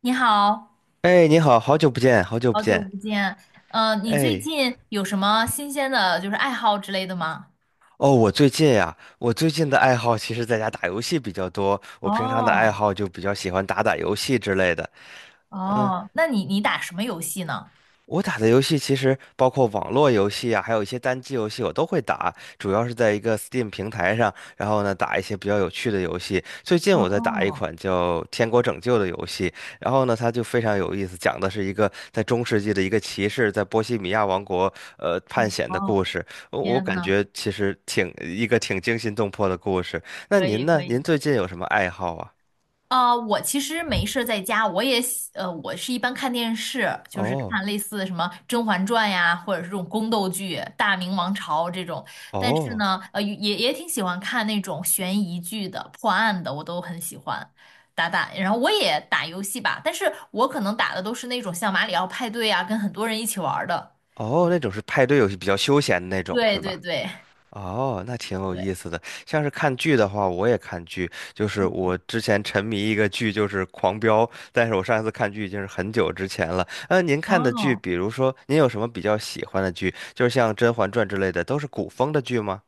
你好，哎，你好，好久不见，好久不好久见。不见。嗯，你最哎，近有什么新鲜的，就是爱好之类的吗？哦，我最近的爱好其实在家打游戏比较多。我平常的哦爱好就比较喜欢打打游戏之类的。哦，那你打什么游戏呢？我打的游戏其实包括网络游戏啊，还有一些单机游戏，我都会打，主要是在一个 Steam 平台上，然后呢打一些比较有趣的游戏。最近我在打一哦款叫《天国拯救》的游戏，然后呢它就非常有意思，讲的是一个在中世纪的一个骑士在波西米亚王国探险的哦，故事。我天感呐，觉其实挺一个挺惊心动魄的故事。那可以您可呢？您以。最近有什么爱好啊？啊，我其实没事儿在家，我也喜呃，我是一般看电视，就是看哦类似什么《甄嬛传》呀，或者是这种宫斗剧、《大明王朝》这种。但是哦呢，也挺喜欢看那种悬疑剧的、破案的，我都很喜欢打打。然后我也打游戏吧，但是我可能打的都是那种像马里奥派对啊，跟很多人一起玩儿的。哦，那种是派对游戏，比较休闲的那种对是对吧？对哦，那挺有对，意思的。像是看剧的话，我也看剧，就是我之前沉迷一个剧，就是《狂飙》，但是我上一次看剧已经是很久之前了。您看的剧，哦，比如说您有什么比较喜欢的剧，就是像《甄嬛传》之类的，都是古风的剧吗？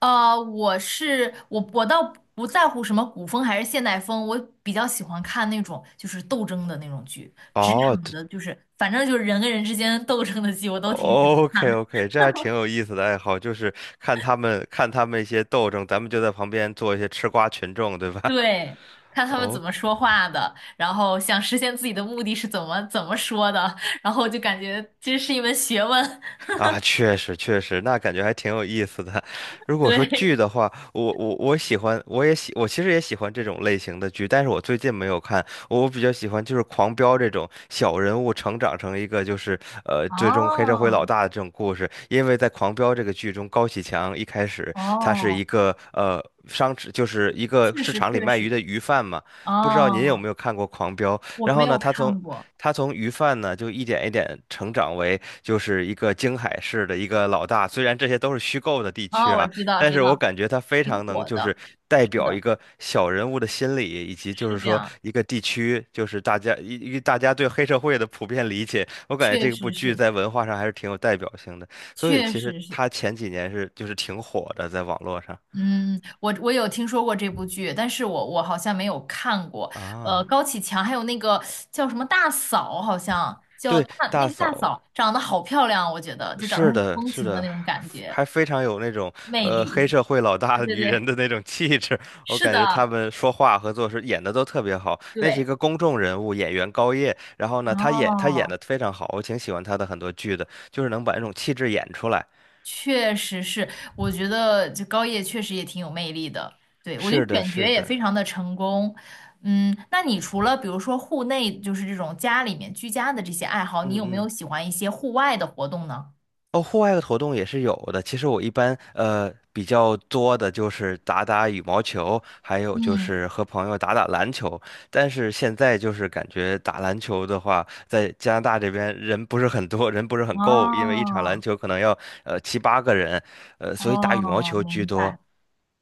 我是我，我倒不在乎什么古风还是现代风，我比较喜欢看那种就是斗争的那种剧，职哦，场对的，就是反正就是人跟人之间斗争的剧，我都挺喜欢看，OK 的。OK，这还挺有意思的爱好，就是看他们一些斗争，咱们就在旁边做一些吃瓜群众，对吧？对，看他们怎么 说话的，然后想实现自己的目的是怎么怎么说的，然后就感觉这是一门学问。啊，确实确实，那感觉还挺有意思的。如果说对，剧的话，我喜欢，我其实也喜欢这种类型的剧，但是我最近没有看。我比较喜欢就是《狂飙》这种小人物成长成一个就是最终黑社会老哦大的这种故事，因为在《狂飙》这个剧中，高启强一开始他是哦，一个就是一个确市实场里确卖鱼实，的鱼贩嘛，不知道您有哦，没有看过《狂飙》？我然没后呢，有他从看过，他从鱼贩呢，就一点一点成长为就是一个京海市的一个老大。虽然这些都是虚构的地区哦，我啊，知道但知是我道，感觉他非挺常能火就的，是代是表一的。个小人物的心理，以及就是是这说样，一个地区，就是大家对黑社会的普遍理解。我感觉确这部实剧是，在文化上还是挺有代表性的，所以确其实实是。他前几年是就是挺火的，在网络上嗯，我有听说过这部剧，但是我好像没有看过。呃，啊。高启强还有那个叫什么大嫂，好像叫对，大那大个大嫂，嫂，长得好漂亮，我觉得就长得是很有的，风是情的的，那种感觉，还非常有那种魅黑力。社会老大对的对女人对，的那种气质。我是感觉他的，们说话和做事演的都特别好。那是一对。个公众人物，演员高叶，然后呢，他演哦，的非常好，我挺喜欢他的很多剧的，就是能把那种气质演出来。确实是，我觉得就高叶确实也挺有魅力的。对，我觉得是的，选角是也的，非常的成功。嗯，那你除了比如说户内，就是这种家里面居家的这些爱好，你嗯有没有嗯。喜欢一些户外的活动呢？哦，户外的活动也是有的。其实我一般比较多的就是打打羽毛球，还有就嗯，是和朋友打打篮球。但是现在就是感觉打篮球的话，在加拿大这边人不是很多，人不是很够，因为一场篮哦球可能要7、8个人，所以打羽毛哦，球居明白。多。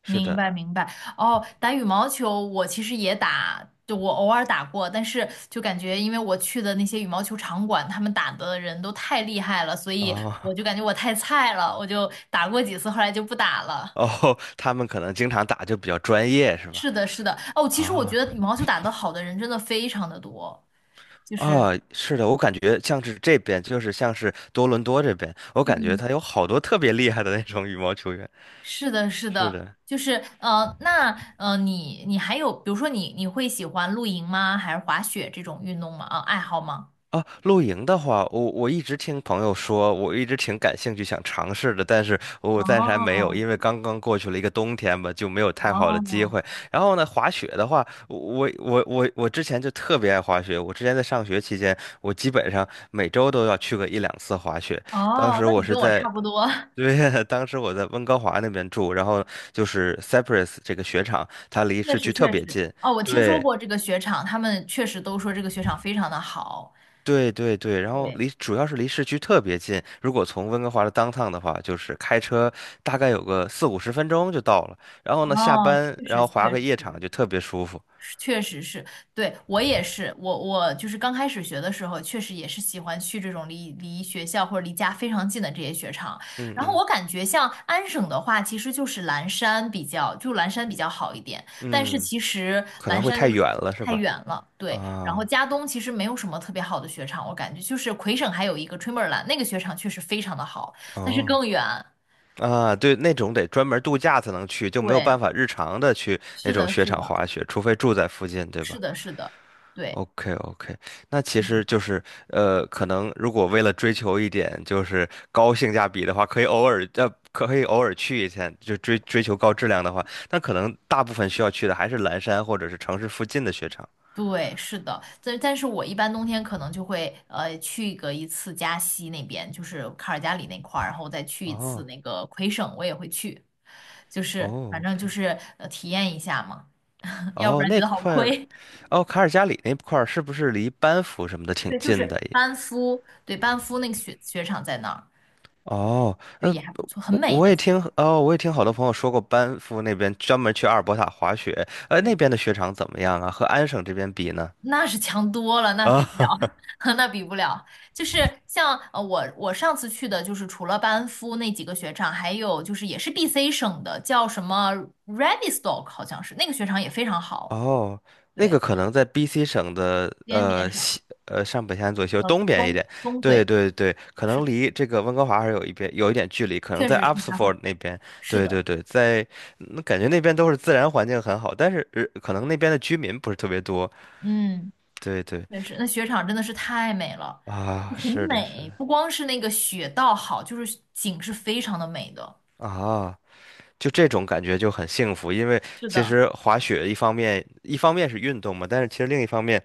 是明的，白明白哦，打羽毛球我其实也打，就我偶尔打过，但是就感觉因为我去的那些羽毛球场馆，他们打的人都太厉害了，所以哦 我 就感觉我太菜了，我就打过几次，后来就不打了。哦，他们可能经常打就比较专业，是吧？是的，是的，哦，其实我啊、觉得羽毛球打得好的人真的非常的多，就是，是的，我感觉像是这边，就是像是多伦多这边，我感觉嗯，他有好多特别厉害的那种羽毛球员。是的，是是的，的，就是呃，那你还有，比如说你会喜欢露营吗？还是滑雪这种运动吗？啊，爱好吗？啊，露营的话，我一直听朋友说，我一直挺感兴趣想尝试的，但是我暂时还没有，哦，因为刚刚过去了一个冬天吧，就没有太好的机哦会。然后呢，滑雪的话，我之前就特别爱滑雪，我之前在上学期间，我基本上每周都要去个1、2次滑雪。当哦，时那我你是跟我在差不多，对，当时我在温哥华那边住，然后就是 Cypress 这个雪场，它离 确市实区特确别实。近。哦，我听说对，过这个雪场，他们确实都说这个雪场非常的好。对对对，然后对，主要是离市区特别近，如果从温哥华的 downtown 的话，就是开车大概有个40-50分钟就到了。然后呢，下哦，班确然实后确滑个夜场实。就特别舒服。确实是，对，我也是，我就是刚开始学的时候，确实也是喜欢去这种离学校或者离家非常近的这些雪场。嗯然后嗯我感觉像安省的话，其实就是蓝山比较，就蓝山比较好一点。但是嗯，其实可能蓝会山太就远是了是太吧？远了，对。然后啊加东其实没有什么特别好的雪场，我感觉就是魁省还有一个 Tremorland，那个雪场确实非常的好，但是哦更远。啊，对，那种得专门度假才能去，就没有对，办法日常的去那是种的，雪是场的，滑雪，除非住在附近，对是吧？的，是的，对。OK OK，那其实就是可能如果为了追求一点就是高性价比的话，可以偶尔去一下，就追求高质量的话，那可能大部分需要去的还是蓝山或者是城市附近的雪场。对，是的，但但是我一般冬天可能就会去个一次加西那边，就是卡尔加里那块儿，然后再去一次哦那个魁省，我也会去，就是反哦正就，OK，是体验一下嘛，要不哦然觉那得好块儿，亏。哦卡尔加里那块儿是不是离班夫什么的 挺对，就近是的。班夫，对，班夫那个雪场在那儿，哦，对，也还不错，很我美我的。也听哦，我也听好多朋友说过，班夫那边专门去阿尔伯塔滑雪，那对。边的雪场怎么样啊？和安省这边比呢？那是强多了，那比不了，啊。那比不了。就是像我上次去的，就是除了班夫那几个雪场，还有就是也是 BC 省的，叫什么 Radistock 好像是那个雪场也非常好，哦，那对，个可能在 BC 省的边边呃上，西呃上北山左右呃，东边一东点，东对对，对对，可是能的，离这个温哥华还是有一点距离，可能确在 实是它会，Abbotsford 那边，是对对的，对，在那感觉那边都是自然环境很好，但是可能那边的居民不是特别多，嗯，对对确实，那雪场真的是太美了，啊，很是的是美，的不光是那个雪道好，就是景是非常的美的，啊。就这种感觉就很幸福，因为是其的，实滑雪一方面是运动嘛，但是其实另一方面，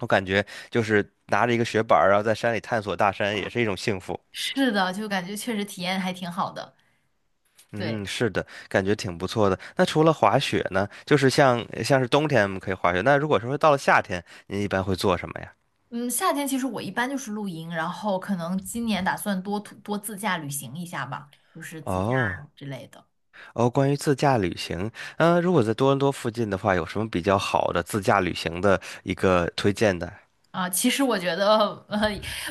我感觉就是拿着一个雪板儿然后在山里探索大山，也是一种幸福。是的，就感觉确实体验还挺好的。对，嗯，是的，感觉挺不错的。那除了滑雪呢，就是像是冬天我们可以滑雪，那如果说到了夏天，您一般会做什么呀？嗯，夏天其实我一般就是露营，然后可能今年打算多徒多自驾旅行一下吧，就是自驾哦之类的。哦，关于自驾旅行，如果在多伦多附近的话，有什么比较好的自驾旅行的一个推荐的？啊，其实我觉得，呃，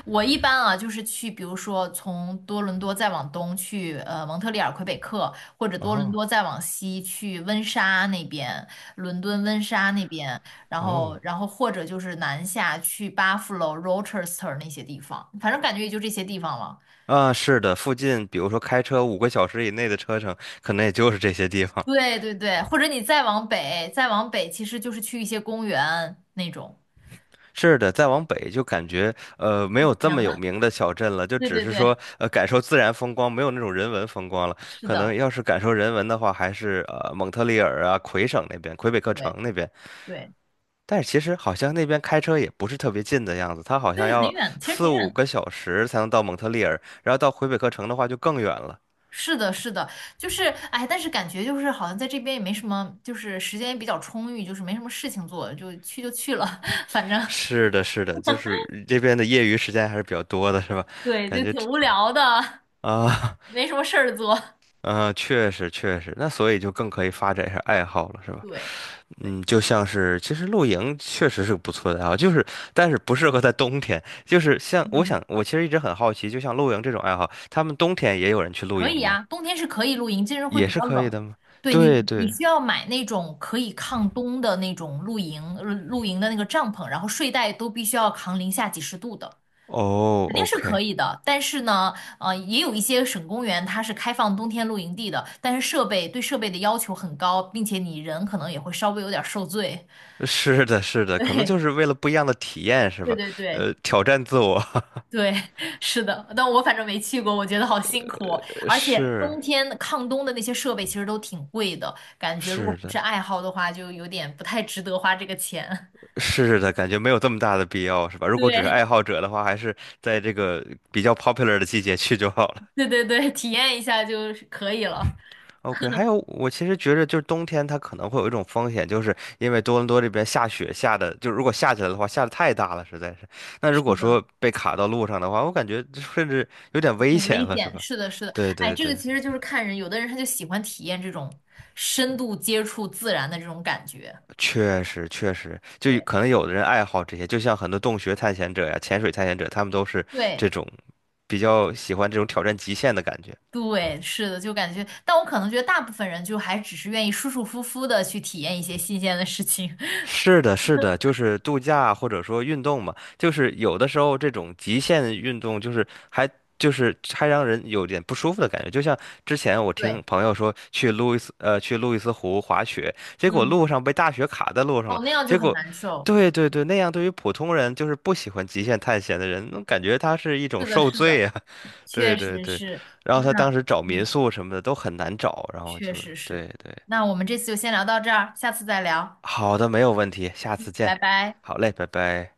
我一般啊，就是去，比如说从多伦多再往东去，蒙特利尔、魁北克，或者多伦哦多再往西去温莎那边，伦敦温莎那边，然后，哦。然后或者就是南下去 Buffalo、Rochester 那些地方，反正感觉也就这些地方了。啊，是的，附近比如说开车五个小时以内的车程，可能也就是这些地方。对对对，或者你再往北，再往北其实就是去一些公园那种。是的，再往北就感觉没有这天么有了，名的小镇了，就对只对是对，说感受自然风光，没有那种人文风光了。是可能的，要是感受人文的话，还是蒙特利尔啊、魁省那边、魁北克城对那边。对但是其实好像那边开车也不是特别近的样子，它好像对，很要远，其实四挺五远个的。小时才能到蒙特利尔，然后到魁北克城的话就更远了。是的，是的，就是哎，但是感觉就是好像在这边也没什么，就是时间也比较充裕，就是没什么事情做，就去了，反正是的，是的，就是这边的业余时间还是比较多的，是吧？对，感就觉挺这无聊的，啊，没什么事儿做。嗯、确实确实，那所以就更可以发展一下爱好了，是吧？对对，嗯，就像是其实露营确实是个不错的爱好，就是但是不适合在冬天，就是像我嗯。想我其实一直很好奇，就像露营这种爱好，他们冬天也有人去露可营以吗？啊，冬天是可以露营，但是会也比是较可以冷。的吗？对你，对你对，需要买那种可以抗冬的那种露营，露营的那个帐篷，然后睡袋都必须要扛零下几十度的，哦肯定是可，OK。以的。但是呢，也有一些省公园它是开放冬天露营地的，但是设备的要求很高，并且你人可能也会稍微有点儿受罪。是的，是 的，可能就对，是为了不一样的体验，是对吧？对对。挑战自我，对，是的，但我反正没去过，我觉得好辛苦哦，而且是冬天抗冬的那些设备其实都挺贵的，感觉如果是不是的。爱好的话，就有点不太值得花这个钱。是的，感觉没有这么大的必要，是吧？如果只是对，爱好者的话，还是在这个比较 popular 的季节去就好了。对对对，体验一下就是可以了。OK，还有我其实觉着就是冬天它可能会有一种风险，就是因为多伦多这边下雪下的，就如果下起来的话，下的太大了，实在是。那是如果的，说被卡到路上的话，我感觉这甚至有点危挺险危了，是险。吧？是的，是的，对哎，对这个对，其实就是看人，有的人他就喜欢体验这种深度接触自然的这种感觉。确实确实，就对可能有的人爱好这些，就像很多洞穴探险者呀、潜水探险者，他们都是对，这种比较喜欢这种挑战极限的感觉。对，是的，就感觉，但我可能觉得大部分人就还只是愿意舒舒服服的去体验一些新鲜的事情。是的，是的，就是度假或者说运动嘛，就是有的时候这种极限运动，就是还让人有点不舒服的感觉。就像之前我听对，朋友说去路易斯湖滑雪，结果嗯，路上被大雪卡在路上了，哦，那样就结很果难受。对对对，那样对于普通人就是不喜欢极限探险的人，那感觉他是一种是的，受是的，罪啊。对确对实对，是。然后他当那，时找民嗯，宿什么的都很难找，然后就确实是。对对，那我们这次就先聊到这儿，下次再聊，好的，没有问题，下次拜见。拜。好嘞，拜拜。